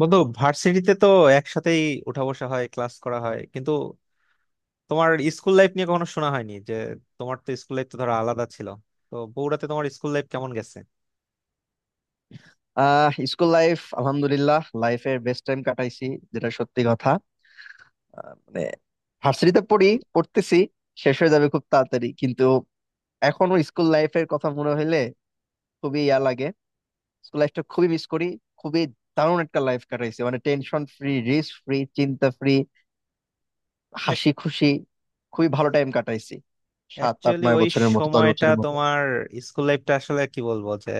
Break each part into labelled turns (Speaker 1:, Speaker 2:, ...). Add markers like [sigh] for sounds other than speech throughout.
Speaker 1: বন্ধু ভার্সিটিতে তো একসাথেই উঠা বসা হয়, ক্লাস করা হয়, কিন্তু তোমার স্কুল লাইফ নিয়ে কখনো শোনা হয়নি। যে তোমার তো স্কুল লাইফ তো ধরো আলাদা ছিল, তো বগুড়াতে তোমার স্কুল লাইফ কেমন গেছে?
Speaker 2: স্কুল লাইফ আলহামদুলিল্লাহ লাইফের বেস্ট টাইম কাটাইছি, যেটা সত্যি কথা। মানে ভার্সিটিতে পড়তেছি, শেষ হয়ে যাবে খুব তাড়াতাড়ি। কিন্তু এখনো স্কুল লাইফের কথা মনে হইলে খুবই ইয়া লাগে, স্কুল লাইফটা খুবই মিস করি। খুবই দারুণ একটা লাইফ কাটাইছি, মানে টেনশন ফ্রি, রিস্ক ফ্রি, চিন্তা ফ্রি, হাসি খুশি, খুবই ভালো টাইম কাটাইছি। সাত আট
Speaker 1: অ্যাকচুয়ালি
Speaker 2: নয়
Speaker 1: ওই
Speaker 2: বছরের মতো, দশ
Speaker 1: সময়টা
Speaker 2: বছরের মতো।
Speaker 1: তোমার স্কুল লাইফটা আসলে কি বলবো, যে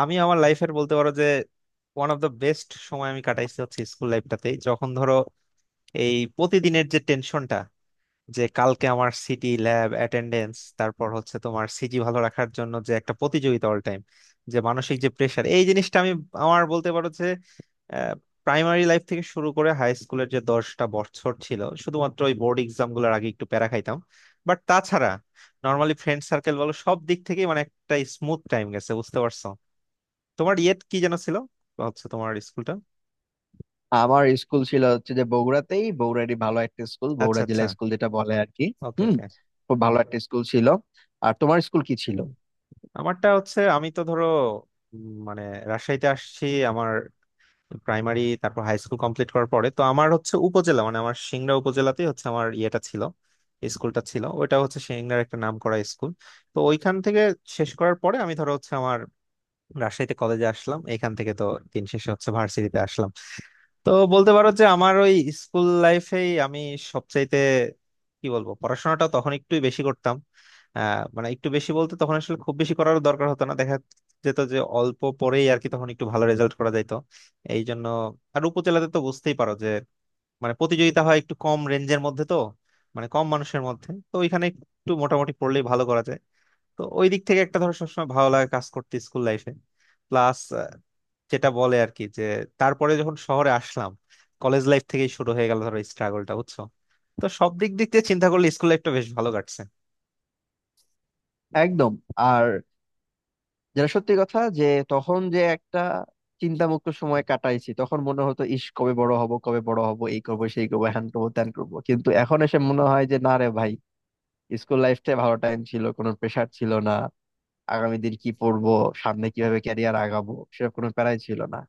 Speaker 1: আমি আমার লাইফের বলতে পারো যে ওয়ান অফ দ্য বেস্ট সময় আমি কাটাইছি হচ্ছে স্কুল লাইফটাতেই। যখন ধরো এই প্রতিদিনের যে টেনশনটা, যে কালকে আমার সিটি ল্যাব অ্যাটেন্ডেন্স, তারপর হচ্ছে তোমার সিজি ভালো রাখার জন্য যে একটা প্রতিযোগিতা অল টাইম, যে মানসিক যে প্রেশার, এই জিনিসটা আমি আমার বলতে পারো যে প্রাইমারি লাইফ থেকে শুরু করে হাই স্কুলের যে 10টা বছর ছিল, শুধুমাত্র ওই বোর্ড এক্সাম গুলোর আগে একটু প্যারা খাইতাম। বাট তাছাড়া নর্মালি ফ্রেন্ড সার্কেল বলো, সব দিক থেকেই মানে একটা স্মুথ টাইম গেছে, বুঝতে পারছো? তোমার ইয়েট কি যেন ছিল, হচ্ছে তোমার স্কুলটা।
Speaker 2: আমার স্কুল ছিল হচ্ছে যে বগুড়াতেই, বগুড়ারই ভালো একটা স্কুল,
Speaker 1: আচ্ছা
Speaker 2: বগুড়া
Speaker 1: আচ্ছা।
Speaker 2: জিলা স্কুল, যেটা বলে আর কি।
Speaker 1: ওকে
Speaker 2: হুম,
Speaker 1: ওকে।
Speaker 2: খুব ভালো একটা স্কুল ছিল। আর তোমার স্কুল কি ছিল?
Speaker 1: আমারটা হচ্ছে আমি তো ধরো, মানে রাজশাহীতে আসছি। আমার প্রাইমারি তারপর হাই স্কুল কমপ্লিট করার পরে তো আমার হচ্ছে উপজেলা, মানে আমার সিংড়া উপজেলাতেই হচ্ছে আমার ইয়েটা ছিল, স্কুলটা ছিল। ওইটা হচ্ছে সিংড়ার একটা নাম করা স্কুল। তো ওইখান থেকে শেষ করার পরে আমি ধরো হচ্ছে আমার রাজশাহীতে কলেজে আসলাম, এখান থেকে তো দিন শেষে হচ্ছে ভার্সিটিতে আসলাম। তো বলতে পারো যে আমার ওই স্কুল লাইফেই আমি সবচাইতে কি বলবো, পড়াশোনাটা তখন একটু বেশি করতাম। মানে একটু বেশি বলতে তখন আসলে খুব বেশি করার দরকার হতো না, দেখা যেত যে অল্প পরেই আর কি তখন একটু ভালো রেজাল্ট করা যাইতো এই জন্য। আর উপজেলাতে তো বুঝতেই পারো যে মানে প্রতিযোগিতা হয় একটু কম রেঞ্জের মধ্যে তো, মানে কম মানুষের মধ্যে তো ওইখানে একটু মোটামুটি পড়লেই ভালো করা যায়। তো ওই দিক থেকে একটা ধরো সবসময় ভালো লাগা কাজ করতে স্কুল লাইফে। প্লাস যেটা বলে আর কি, যে তারপরে যখন শহরে আসলাম, কলেজ লাইফ থেকেই শুরু হয়ে গেল ধরো স্ট্রাগলটা, বুঝছো? তো সব দিক দিক দিয়ে চিন্তা করলে স্কুল লাইফটা বেশ ভালো কাটছে।
Speaker 2: একদম। আর যেটা সত্যি কথা, যে তখন যে একটা চিন্তামুক্ত সময় কাটাইছি, তখন মনে হতো ইস, কবে বড় হব, কবে বড় হব, এই করবো সেই করবো, হ্যান করবো ত্যান করবো, কিন্তু এখন এসে মনে হয় যে না রে ভাই, স্কুল লাইফটাই ভালো টাইম ছিল, কোনো প্রেশার ছিল না। আগামী দিন কি পড়বো, সামনে কিভাবে ক্যারিয়ার আগাবো, সেরকম কোনো প্যারাই ছিল না।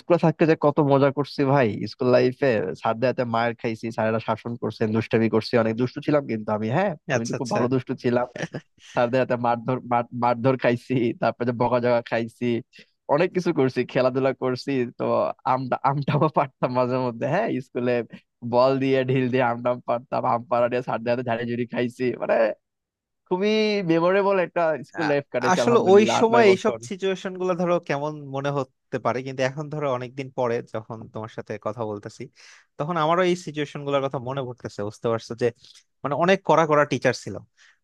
Speaker 2: স্কুলে থাকতে যে কত মজা করছি ভাই, স্কুল লাইফে স্যারদের হাতে মায়ের খাইছি, স্যারেরা শাসন করছেন, দুষ্টামি করছি, অনেক দুষ্টু ছিলাম, কিন্তু আমি, হ্যাঁ আমি তো
Speaker 1: আচ্ছা
Speaker 2: খুব
Speaker 1: আচ্ছা।
Speaker 2: ভালো দুষ্টু ছিলাম। স্যারদের হাতে মারধর মারধর খাইছি, তারপরে যে বকাঝকা খাইছি, অনেক কিছু করছি, খেলাধুলা করছি। তো আমটাও পারতাম মাঝে মধ্যে, হ্যাঁ স্কুলে বল দিয়ে ঢিল দিয়ে আমটাম পারতাম, আম পাড়া দিয়ে স্যারদের হাতে ঝাড়ি ঝুড়ি খাইছি, মানে খুবই মেমোরেবল একটা স্কুল
Speaker 1: আ-
Speaker 2: লাইফ কাটাইছি
Speaker 1: আসলে ওই
Speaker 2: আলহামদুলিল্লাহ। আট
Speaker 1: সময়
Speaker 2: নয়
Speaker 1: এইসব
Speaker 2: বছর
Speaker 1: সিচুয়েশন গুলো ধরো কেমন মনে হতে পারে, কিন্তু এখন ধরো অনেকদিন পরে যখন তোমার সাথে কথা বলতেছি, তখন আমারও এই সিচুয়েশন গুলোর কথা মনে পড়তেছে, বুঝতে পারছো? যে মানে অনেক কড়া কড়া টিচার ছিল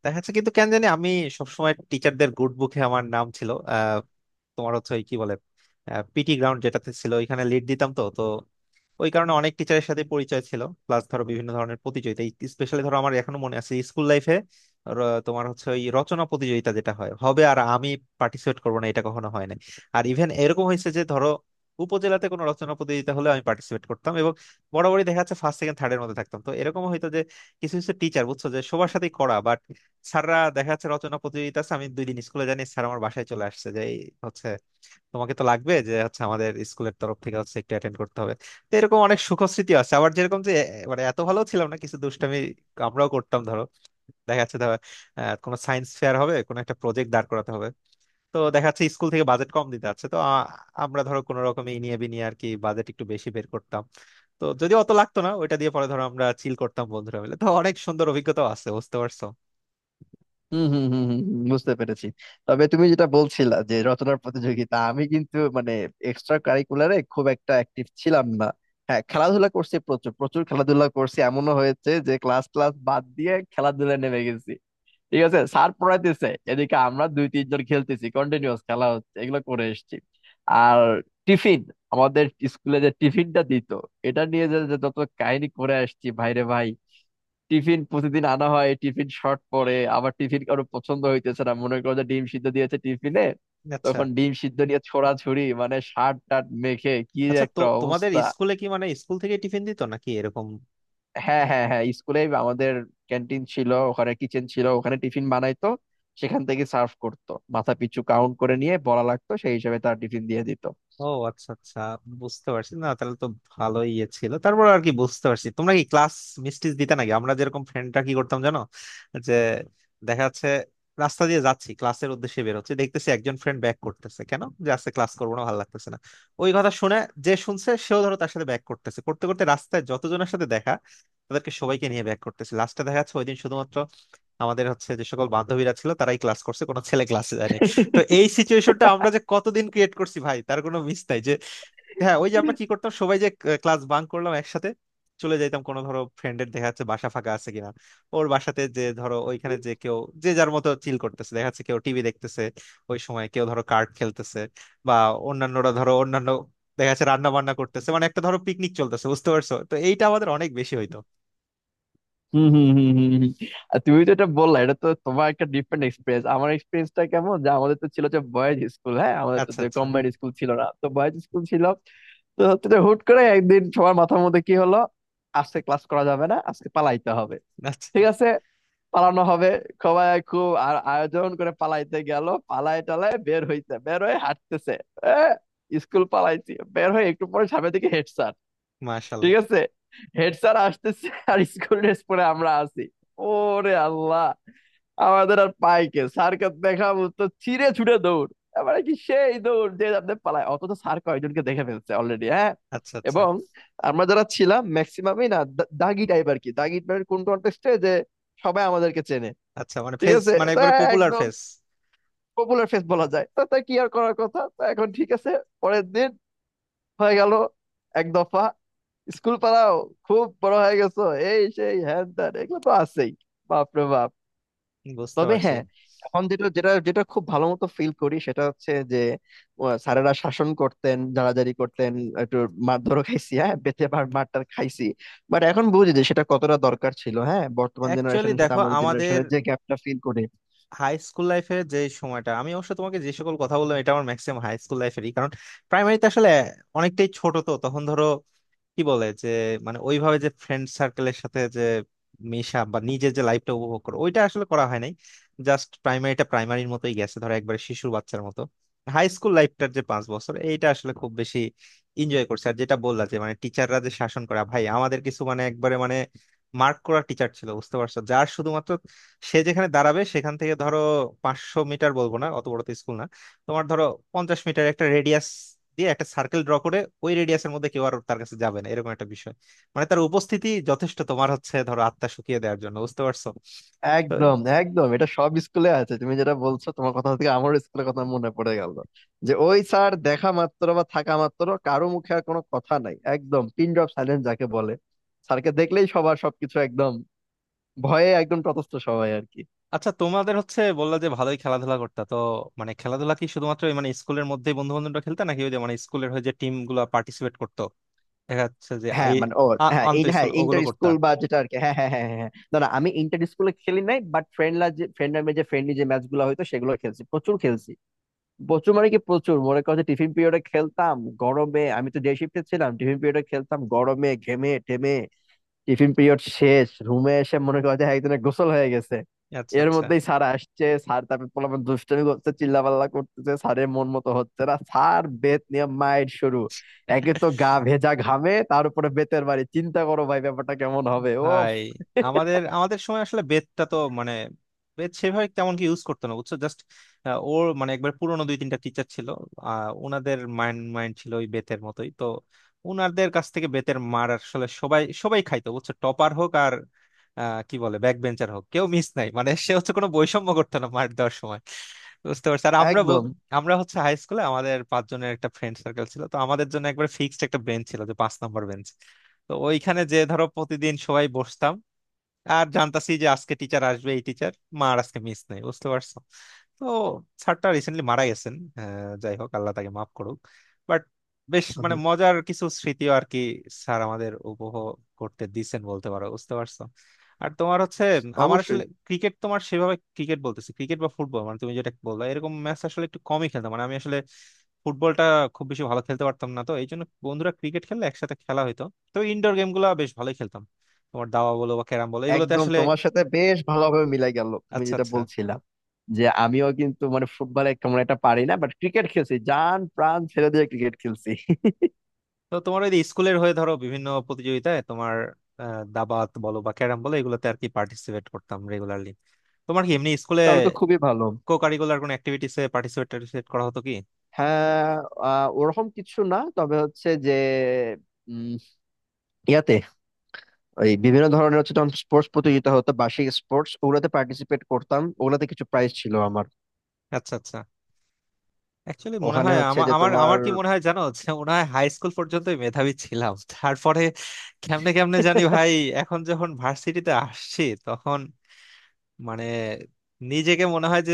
Speaker 1: দেখা যাচ্ছে, কিন্তু কেন জানি আমি সবসময় টিচারদের গুড বুকে আমার নাম ছিল। তোমার হচ্ছে ওই কি বলে, পিটি গ্রাউন্ড যেটাতে ছিল ওইখানে লিড দিতাম তো, তো ওই কারণে অনেক টিচারের সাথে পরিচয় ছিল। প্লাস ধরো বিভিন্ন ধরনের প্রতিযোগিতা, স্পেশালি ধরো আমার এখনো মনে আছে স্কুল লাইফে, তোমার হচ্ছে ওই রচনা প্রতিযোগিতা যেটা হয়, হবে আর আমি পার্টিসিপেট করবো না, এটা কখনো হয় না। আর ইভেন এরকম হয়েছে যে ধরো উপজেলাতে কোনো রচনা প্রতিযোগিতা হলে আমি পার্টিসিপেট করতাম, এবং বরাবরই দেখা যাচ্ছে ফার্স্ট সেকেন্ড থার্ড এর মধ্যে থাকতাম। তো এরকম হয়তো যে কিছু কিছু টিচার বুঝছো যে সবার সাথেই করা, বাট স্যাররা দেখা যাচ্ছে রচনা প্রতিযোগিতা আছে আমি দুই দিন স্কুলে জানি, স্যার আমার বাসায় চলে আসছে যে এই হচ্ছে তোমাকে তো লাগবে, যে হচ্ছে আমাদের স্কুলের তরফ থেকে হচ্ছে একটু অ্যাটেন্ড করতে হবে। তো এরকম অনেক সুখস্মৃতি আছে। আবার যেরকম যে মানে এত ভালো ছিলাম না, কিছু দুষ্টামি আমরাও করতাম ধরো। দেখা যাচ্ছে ধরো, কোনো সায়েন্স ফেয়ার হবে, কোনো একটা প্রজেক্ট দাঁড় করাতে হবে, তো দেখা যাচ্ছে স্কুল থেকে বাজেট কম দিতে আছে, তো আমরা ধরো কোনো রকমে ইনিয়ে বিনিয়ে আর কি বাজেট একটু বেশি বের করতাম। তো যদি অত লাগতো না, ওইটা দিয়ে পরে ধরো আমরা চিল করতাম বন্ধুরা মিলে। তো অনেক সুন্দর অভিজ্ঞতা আছে, বুঝতে পারছো?
Speaker 2: হম হম হম হম হম, বুঝতে পেরেছি। তবে তুমি যেটা বলছিলা যে রচনার প্রতিযোগিতা, আমি কিন্তু মানে এক্সট্রা কারিকুলারে খুব একটা অ্যাক্টিভ ছিলাম না। হ্যাঁ, খেলাধুলা করছি, প্রচুর প্রচুর খেলাধুলা করছি, এমনও হয়েছে যে ক্লাস ক্লাস বাদ দিয়ে খেলাধুলায় নেমে গেছি। ঠিক আছে, স্যার পড়াইতেছে, এদিকে আমরা দুই তিনজন খেলতেছি, কন্টিনিউয়াস খেলা হচ্ছে, এগুলো করে এসেছি। আর টিফিন, আমাদের স্কুলে যে টিফিনটা দিত, এটা নিয়ে যে যে যত কাহিনী করে আসছি ভাইরে ভাই। টিফিন প্রতিদিন আনা হয়, টিফিন শর্ট পড়ে, আবার টিফিন কারো পছন্দ হইতেছে না, মনে করো যে ডিম সিদ্ধ দিয়েছে টিফিনে,
Speaker 1: আচ্ছা
Speaker 2: তখন ডিম সিদ্ধ নিয়ে ছোড়াছুড়ি, মানে শার্ট টাট মেখে কি যে
Speaker 1: আচ্ছা। তো
Speaker 2: একটা
Speaker 1: তোমাদের
Speaker 2: অবস্থা।
Speaker 1: স্কুলে কি, মানে স্কুল থেকে টিফিন দিত নাকি এরকম?
Speaker 2: হ্যাঁ হ্যাঁ হ্যাঁ, স্কুলে আমাদের ক্যান্টিন ছিল, ওখানে কিচেন ছিল, ওখানে টিফিন বানাইতো, সেখান থেকে সার্ভ করতো, মাথা পিছু কাউন্ট করে নিয়ে বলা লাগতো, সেই হিসাবে তার টিফিন দিয়ে দিত।
Speaker 1: ও, আচ্ছা আচ্ছা। বুঝতে পারছি। না তাহলে তো ভালোই ইয়ে ছিল তারপর আর কি, বুঝতে পারছি। তোমরা কি ক্লাস মিস্টিস দিতে নাকি? আমরা যেরকম ফ্রেন্ডরা কি করতাম জানো, যে দেখা যাচ্ছে রাস্তা দিয়ে যাচ্ছি ক্লাসের উদ্দেশ্যে, বের হচ্ছে দেখতেছি একজন ফ্রেন্ড ব্যাক করতেছে, কেন যে আজকে ক্লাস করবো না, ভালো লাগতেছে না। ওই কথা শুনে যে শুনছে সেও ধরো তার সাথে ব্যাক করতেছে, করতে করতে রাস্তায় যতজনের সাথে দেখা তাদেরকে সবাইকে নিয়ে ব্যাক করতেছে, লাস্টে দেখা যাচ্ছে ওই দিন শুধুমাত্র আমাদের হচ্ছে যে সকল বান্ধবীরা ছিল তারাই ক্লাস করছে, কোনো ছেলে ক্লাসে যায়নি। তো এই সিচুয়েশনটা আমরা যে কতদিন ক্রিয়েট করছি ভাই, তার কোনো মিস নাই যে। হ্যাঁ ওই যে আমরা কি করতাম, সবাই যে ক্লাস বাঙ্ক করলাম একসাথে, চলে যাইতাম কোনো ধরো ফ্রেন্ডের দেখা যাচ্ছে বাসা ফাঁকা আছে কিনা, ওর বাসাতে যে ধরো ওইখানে যে কেউ যে যার মতো চিল করতেছে, দেখা যাচ্ছে কেউ টিভি দেখতেছে ওই সময়, কেউ ধরো কার্ড খেলতেছে, বা অন্যান্যরা ধরো অন্যান্য দেখা যাচ্ছে রান্না বান্না করতেছে, মানে একটা ধরো পিকনিক চলতেছে, বুঝতে পারছো? তো এইটা আমাদের অনেক বেশি হইতো।
Speaker 2: হম হম হম হম হম। আর তুমি তো এটা বললা, এটা তো তোমার একটা ডিফারেন্ট এক্সপিরিয়েন্স, আমার এক্সপিরিয়েন্সটা কেমন যে আমাদের তো ছিল যে বয়েজ স্কুল, হ্যাঁ আমাদের তো
Speaker 1: আচ্ছা
Speaker 2: যে
Speaker 1: আচ্ছা
Speaker 2: কম্বাইন্ড স্কুল ছিল না, তো বয়েজ স্কুল ছিল। তো হচ্ছে যে হুট করে একদিন সবার মাথার মধ্যে কি হলো, আজকে ক্লাস করা যাবে না, আজকে পালাইতে হবে।
Speaker 1: আচ্ছা।
Speaker 2: ঠিক আছে, পালানো হবে। সবাই খুব আর আয়োজন করে পালাইতে গেল, পালাই টালায় বের হইতে, বের হয়ে হাঁটতেছে। এ, স্কুল পালাইছি, বের হয়ে একটু পরে সামনের দিকে হেড।
Speaker 1: মাশাল্লাহ।
Speaker 2: ঠিক আছে, হেড স্যার আসতেছে, আর স্কুল ড্রেস পরে আমরা আছি। ওরে আল্লাহ, আমাদের আর পাই কে, স্যারকে দেখাবো, তো ছিঁড়ে ছুড়ে দৌড়। এবারে কি সেই দৌড় যে আপনি পালায়, অথচ স্যার কয়জনকে দেখে ফেলছে অলরেডি, হ্যাঁ।
Speaker 1: আচ্ছা আচ্ছা
Speaker 2: এবং আমরা যারা ছিলাম ম্যাক্সিমামই না দাগি টাইপ আর কি, দাগি টাইপের কোন কন্টেস্টে যে সবাই আমাদেরকে চেনে।
Speaker 1: আচ্ছা, মানে
Speaker 2: ঠিক
Speaker 1: ফেস,
Speaker 2: আছে,
Speaker 1: মানে
Speaker 2: তো
Speaker 1: একবারে পপুলার
Speaker 2: একদম
Speaker 1: ফেস।
Speaker 2: পপুলার ফেস বলা যায়। তো তা কি আর করার, কথা তো এখন ঠিক আছে। পরের দিন হয়ে গেল এক দফা, স্কুল পাড়াও, খুব বড় হয়ে গেছো, এই সেই হ্যান ত্যান, এগুলো তো আছেই। বাপ রে বাপ।
Speaker 1: বুঝতে
Speaker 2: তবে
Speaker 1: পারছি।
Speaker 2: হ্যাঁ, এখন যেটা যেটা যেটা খুব ভালো মতো ফিল করি সেটা হচ্ছে যে স্যারেরা শাসন করতেন, জারাজারি করতেন, একটু মারধরও খাইছি, হ্যাঁ বেঁচে মার মারটার খাইছি। বাট এখন বুঝি যে সেটা কতটা দরকার ছিল, হ্যাঁ, বর্তমান
Speaker 1: অ্যাকচুয়ালি
Speaker 2: জেনারেশনের সাথে
Speaker 1: দেখো
Speaker 2: আমাদের
Speaker 1: আমাদের
Speaker 2: জেনারেশনের যে গ্যাপটা ফিল করি।
Speaker 1: হাই স্কুল লাইফের যে সময়টা, আমি অবশ্য তোমাকে যে সকল কথা বললাম এটা আমার ম্যাক্সিমাম হাই স্কুল লাইফেরই, কারণ প্রাইমারিতে আসলে অনেকটাই ছোট তো, তখন ধরো কি বলে যে মানে ওইভাবে যে ফ্রেন্ড সার্কেলের সাথে যে মেশা বা নিজের যে লাইফটা উপভোগ করো, ওইটা আসলে করা হয় নাই। জাস্ট প্রাইমারিটা প্রাইমারির মতোই গেছে ধরো, একবারে শিশুর বাচ্চার মতো। হাই স্কুল লাইফটার যে 5 বছর, এইটা আসলে খুব বেশি এনজয় করছে। আর যেটা বললা যে মানে টিচাররা যে শাসন করা, ভাই আমাদের কিছু মানে একবারে মানে মার্ক করা টিচার ছিল, বুঝতে পারছো, যার শুধুমাত্র সে যেখানে দাঁড়াবে সেখান থেকে ধরো 500 মিটার বলবো না, অত বড় তো স্কুল না, তোমার ধরো 50 মিটার একটা রেডিয়াস দিয়ে একটা সার্কেল ড্র করে ওই রেডিয়াসের মধ্যে কেউ আর তার কাছে যাবে না, এরকম একটা বিষয়। মানে তার উপস্থিতি যথেষ্ট তোমার হচ্ছে ধরো আত্মা শুকিয়ে দেওয়ার জন্য, বুঝতে পারছো? তো
Speaker 2: একদম একদম, এটা সব স্কুলে আছে, তুমি যেটা বলছো, তোমার কথা থেকে আমার স্কুলের কথা মনে পড়ে গেল যে ওই স্যার দেখা মাত্র বা থাকা মাত্র কারো মুখে আর কোনো কথা নাই, একদম পিন ড্রপ সাইলেন্স যাকে বলে। স্যারকে দেখলেই সবার সবকিছু একদম, ভয়ে একদম তটস্থ সবাই আর কি।
Speaker 1: আচ্ছা, তোমাদের হচ্ছে বললা যে ভালোই খেলাধুলা করতা তো, মানে খেলাধুলা কি শুধুমাত্র ওই মানে স্কুলের মধ্যেই বন্ধু বান্ধবরা খেলতা, নাকি ওই যে মানে স্কুলের হয়ে যে টিম গুলো পার্টিসিপেট করতো দেখা যাচ্ছে যে আই,
Speaker 2: হ্যাঁ মানে ও,
Speaker 1: আন্ত
Speaker 2: হ্যাঁ
Speaker 1: স্কুল ওগুলো
Speaker 2: ইন্টার
Speaker 1: করতা?
Speaker 2: স্কুল বা যেটা আর কি, হ্যাঁ হ্যাঁ হ্যাঁ হ্যাঁ হ্যাঁ। না না আমি ইন্টার স্কুলে খেলি নাই, বাট ফ্রেন্ডরা যে ফ্রেন্ডলি যে ম্যাচ গুলো হয়তো, সেগুলো খেলছি, প্রচুর খেলছি। প্রচুর মানে কি, প্রচুর মনে করো যে টিফিন পিরিয়ডে খেলতাম, গরমে, আমি তো ডে শিফটে ছিলাম, টিফিন পিরিয়ডে খেলতাম গরমে ঘেমে টেমে। টিফিন পিরিয়ড শেষ, রুমে এসে মনে করো যে একজনের গোসল হয়ে গেছে।
Speaker 1: আচ্ছা
Speaker 2: এর
Speaker 1: আচ্ছা।
Speaker 2: মধ্যেই স্যার আসছে, স্যার তারপর পোলাপান দুষ্টামি করছে, চিল্লাপাল্লা করতেছে, স্যারের মন মতো হচ্ছে না, স্যার বেত নিয়ে মায়ের শুরু। একে তো গা ভেজা ঘামে, তার উপরে বেতের বাড়ি, চিন্তা করো ভাই, ব্যাপারটা কেমন হবে। ও
Speaker 1: ভাই আমাদের আমাদের সময় আসলে বেতটা তো মানে, বেত সেভাবে তেমন কি ইউজ করতো না, বুঝছো। জাস্ট ওর মানে একবার পুরনো দুই তিনটা টিচার ছিল, ওনাদের মাইন্ড মাইন্ড ছিল ওই বেতের মতোই তো, ওনাদের কাছ থেকে বেতের মার আসলে সবাই সবাই খাইতো, বুঝছো, টপার হোক আর কি বলে ব্যাক বেঞ্চার হোক, কেউ মিস নাই, মানে সে হচ্ছে কোনো বৈষম্য করতো না মার দেওয়ার সময়। বুঝতে পারছি। আর
Speaker 2: একদম।
Speaker 1: আমরা হচ্ছে হাই স্কুলে আমাদের পাঁচজনের একটা ফ্রেন্ড সার্কেল ছিল, তো আমাদের জন্য একবার ফিক্সড একটা বেঞ্চ ছিল, যে 5 নম্বর বেঞ্চ। তো ওইখানে যে ধরো প্রতিদিন সবাই বসতাম, আর জানতাছি যে আজকে টিচার আসবে এই টিচার, মা আর আজকে মিস নেই, বুঝতে পারছো। তো স্যারটা রিসেন্টলি মারা গেছেন, যাই হোক আল্লাহ তাকে মাফ করুক। বাট বেশ
Speaker 2: আমি
Speaker 1: মানে মজার কিছু স্মৃতিও আর কি, স্যার আমাদের উপভোগ করতে দিছেন বলতে পারো, বুঝতে পারছো। আর তোমার হচ্ছে, আমার
Speaker 2: অবশ্যই
Speaker 1: আসলে ক্রিকেট, তোমার সেভাবে ক্রিকেট বলতেছি ক্রিকেট বা ফুটবল মানে তুমি যেটা বললা এরকম ম্যাচ আসলে একটু কমই খেলতাম, মানে আমি আসলে ফুটবলটা খুব বেশি ভালো খেলতে পারতাম না, তো এই জন্য বন্ধুরা ক্রিকেট খেললে একসাথে খেলা হইতো। তো ইনডোর গেম গুলা বেশ ভালোই খেলতাম, তোমার দাবা বলো বা ক্যারাম বলো এগুলোতে
Speaker 2: একদম
Speaker 1: আসলে।
Speaker 2: তোমার সাথে বেশ ভালোভাবে মিলাই গেল, তুমি
Speaker 1: আচ্ছা
Speaker 2: যেটা
Speaker 1: আচ্ছা।
Speaker 2: বলছিলা যে আমিও কিন্তু মানে ফুটবলে কেমন একটা পারি না, বাট ক্রিকেট খেলছি জান প্রাণ ছেড়ে দিয়ে, ক্রিকেট খেলছি। [laughs]
Speaker 1: তো তোমার ওই যে স্কুলের হয়ে ধরো বিভিন্ন প্রতিযোগিতায় তোমার, দাবাত বলো বা ক্যারাম বলো এগুলোতে আর কি পার্টিসিপেট করতাম রেগুলারলি। তোমার কি এমনি স্কুলে
Speaker 2: তাহলে তো খুবই ভালো।
Speaker 1: কো কারিকুলার কোনো অ্যাক্টিভিটিসে পার্টিসিপেট করা হতো কি?
Speaker 2: হ্যাঁ ওরকম কিছু না, তবে হচ্ছে যে উম, ইয়াতে ওই বিভিন্ন ধরনের হচ্ছে, তখন স্পোর্টস প্রতিযোগিতা হতো, বার্ষিক স্পোর্টস, ওগুলাতে পার্টিসিপেট করতাম, ওগুলাতে কিছু প্রাইজ ছিল আমার।
Speaker 1: আচ্ছা আচ্ছা। অ্যাকচুয়ালি মনে
Speaker 2: ওখানে
Speaker 1: হয়
Speaker 2: হচ্ছে
Speaker 1: আমার
Speaker 2: যে
Speaker 1: আমার
Speaker 2: তোমার।
Speaker 1: আমার কি মনে হয় জানো [laughs] যে মনে হয় হাই স্কুল পর্যন্তই মেধাবী ছিলাম, তারপরে কেমনে কেমনে জানি ভাই
Speaker 2: [laughs]
Speaker 1: এখন যখন ভার্সিটিতে আসছি তখন মানে নিজেকে মনে হয় যে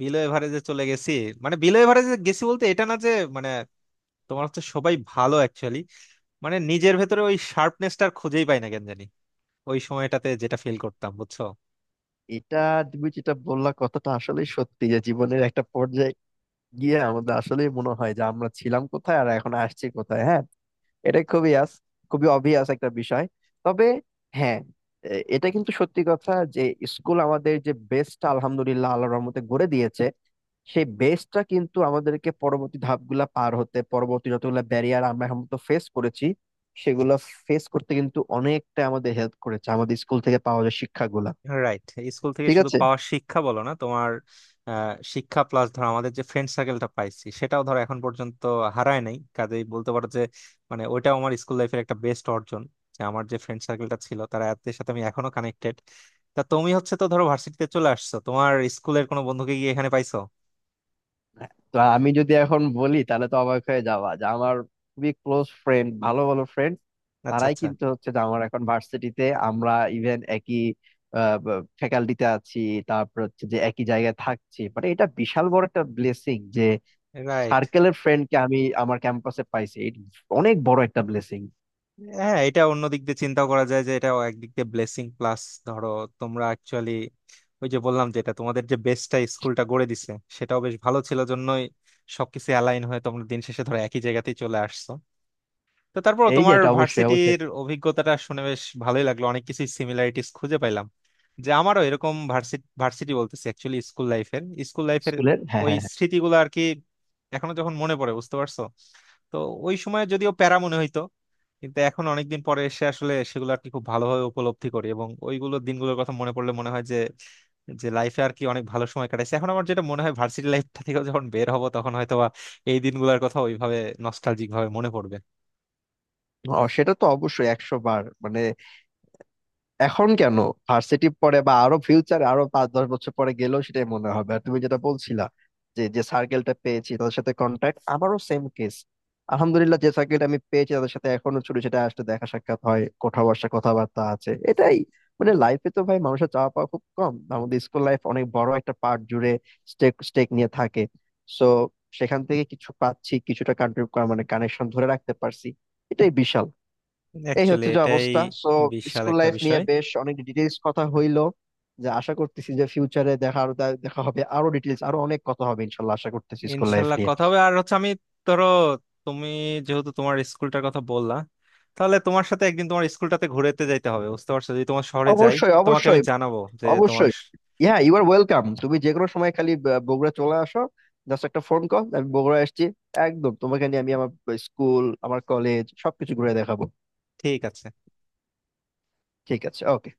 Speaker 1: বিলো এভারেজে চলে গেছি। মানে বিলো এভারেজে গেছি বলতে এটা না যে মানে তোমার হচ্ছে সবাই ভালো অ্যাকচুয়ালি, মানে নিজের ভেতরে ওই শার্পনেসটা খুঁজেই পাই না কেন জানি, ওই সময়টাতে যেটা ফিল করতাম, বুঝছো।
Speaker 2: এটা তুমি যেটা বললা, কথাটা আসলে সত্যি, যে জীবনের একটা পর্যায়ে গিয়ে আমাদের আসলে মনে হয় যে আমরা ছিলাম কোথায় আর এখন আসছি কোথায়, হ্যাঁ। এটা খুবই খুবই অবভিয়াস একটা বিষয়। তবে হ্যাঁ, এটা কিন্তু সত্যি কথা যে স্কুল আমাদের যে বেস্টটা আলহামদুলিল্লাহ আল্লাহর রহমতে গড়ে দিয়েছে, সেই বেসটা কিন্তু আমাদেরকে পরবর্তী ধাপগুলা পার হতে, পরবর্তী যতগুলো ব্যারিয়ার আমরা এখন তো ফেস করেছি, সেগুলো ফেস করতে কিন্তু অনেকটা আমাদের হেল্প করেছে আমাদের স্কুল থেকে পাওয়া যায় শিক্ষাগুলা।
Speaker 1: রাইট। স্কুল থেকে
Speaker 2: ঠিক
Speaker 1: শুধু
Speaker 2: আছে,
Speaker 1: পাওয়া শিক্ষা বলো না, তোমার শিক্ষা প্লাস ধরো আমাদের যে ফ্রেন্ড সার্কেলটা পাইছি সেটাও ধরো এখন পর্যন্ত হারায় নাই, কাজেই বলতে পারো যে মানে ওইটাও আমার স্কুল লাইফের একটা বেস্ট অর্জন, যে আমার যে ফ্রেন্ড সার্কেলটা ছিল তারা এদের সাথে আমি এখনো কানেক্টেড। তা তুমি হচ্ছে তো ধরো ভার্সিটিতে চলে আসছো, তোমার স্কুলের কোনো বন্ধুকে গিয়ে এখানে পাইছো?
Speaker 2: তো আমি যদি এখন বলি তাহলে তো অবাক হয়ে যাওয়া যে আমার খুবই ক্লোজ ফ্রেন্ড, ভালো ভালো ফ্রেন্ড
Speaker 1: আচ্ছা
Speaker 2: তারাই
Speaker 1: আচ্ছা।
Speaker 2: কিন্তু হচ্ছে যে আমার এখন ভার্সিটিতে, আমরা ইভেন একই ফ্যাকাল্টিতে আছি, তারপর হচ্ছে যে একই জায়গায় থাকছি, মানে এটা বিশাল বড় একটা ব্লেসিং যে
Speaker 1: রাইট।
Speaker 2: সার্কেলের ফ্রেন্ডকে আমি আমার ক্যাম্পাসে পাইছি, এটা অনেক বড় একটা ব্লেসিং।
Speaker 1: হ্যাঁ এটা অন্য দিক দিয়ে চিন্তা করা যায় যে এটাও একদিক দিয়ে ব্লেসিং। প্লাস ধরো তোমরা অ্যাকচুয়ালি ওই যে বললাম যেটা, তোমাদের যে বেসটা স্কুলটা গড়ে দিছে সেটাও বেশ ভালো ছিল জন্যই সবকিছু অ্যালাইন হয়ে তোমরা দিন শেষে ধরো একই জায়গাতেই চলে আসছো। তো তারপর
Speaker 2: এই যে
Speaker 1: তোমার
Speaker 2: এটা অবশ্যই অবশ্যই।
Speaker 1: ভার্সিটির অভিজ্ঞতাটা শুনে বেশ ভালোই লাগলো, অনেক কিছু সিমিলারিটিস খুঁজে পাইলাম, যে আমারও এরকম ভার্সিটি, ভার্সিটি বলতেছি অ্যাকচুয়ালি স্কুল লাইফের, স্কুল লাইফের
Speaker 2: স্কুলের, হ্যাঁ
Speaker 1: ওই
Speaker 2: হ্যাঁ হ্যাঁ।
Speaker 1: স্মৃতিগুলো আর কি এখনো যখন মনে পড়ে, বুঝতে পারছো। তো ওই সময় যদিও প্যারা মনে হইতো, কিন্তু এখন অনেকদিন পরে এসে আসলে সেগুলো আর কি খুব ভালোভাবে উপলব্ধি করি, এবং ওইগুলো দিনগুলোর কথা মনে পড়লে মনে হয় যে যে লাইফে আর কি অনেক ভালো সময় কাটাইছে। এখন আমার যেটা মনে হয় ভার্সিটি লাইফটা থেকে যখন বের হবো তখন হয়তো বা এই দিনগুলোর কথা ওইভাবে নস্টালজিক ভাবে মনে পড়বে।
Speaker 2: ও, সেটা তো অবশ্যই, একশো বার মানে, এখন কেন, ভার্সিটি পরে বা আরো ফিউচারে, আরো 5 10 বছর পরে গেলেও সেটাই মনে হবে। আর তুমি যেটা বলছিলা যে যে সার্কেলটা পেয়েছি তাদের সাথে কন্ট্যাক্ট, আমারও সেম কেস। আলহামদুলিল্লাহ যে সার্কেলটা আমি পেয়েছি তাদের সাথে এখনো ছোট সেটা আসতে দেখা সাক্ষাৎ হয়, কোথাও বসা কথাবার্তা আছে, এটাই। মানে লাইফে তো ভাই মানুষের চাওয়া পাওয়া খুব কম, আমাদের স্কুল লাইফ অনেক বড় একটা পার্ট জুড়ে স্টেক স্টেক নিয়ে থাকে। সো সেখান থেকে কিছু পাচ্ছি, কিছুটা কান্ট্রিবিউট, মানে কানেকশন ধরে রাখতে পারছি, এটাই বিশাল। এই
Speaker 1: অ্যাকচুয়ালি
Speaker 2: হচ্ছে যে
Speaker 1: এটাই
Speaker 2: অবস্থা। সো
Speaker 1: বিশাল
Speaker 2: স্কুল
Speaker 1: একটা
Speaker 2: লাইফ নিয়ে
Speaker 1: বিষয়।
Speaker 2: বেশ অনেক ডিটেলস কথা হইলো, যে আশা করতেছি যে ফিউচারে দেখা আরো দেখা হবে, আরো ডিটেলস, আরো অনেক কথা হবে, ইনশাল্লাহ আশা করতেছি স্কুল লাইফ
Speaker 1: ইনশাল্লাহ
Speaker 2: নিয়ে।
Speaker 1: কথা হবে। আর হচ্ছে আমি ধরো, তুমি যেহেতু তোমার স্কুলটার কথা বললা, তাহলে তোমার সাথে একদিন তোমার স্কুলটাতে ঘুরেতে যাইতে হবে, বুঝতে পারছো, যদি তোমার শহরে যাই।
Speaker 2: অবশ্যই
Speaker 1: তোমাকে আমি
Speaker 2: অবশ্যই
Speaker 1: জানাবো যে তোমার
Speaker 2: অবশ্যই,
Speaker 1: স-
Speaker 2: হ্যাঁ ইউ আর ওয়েলকাম, তুমি যে কোনো সময় খালি বগুড়া চলে আসো, জাস্ট একটা ফোন কল আমি বগুড়া আসছি, একদম তোমাকে নিয়ে আমি আমার স্কুল, আমার কলেজ সবকিছু ঘুরে দেখাবো।
Speaker 1: ঠিক আছে।
Speaker 2: ঠিক আছে, ওকে।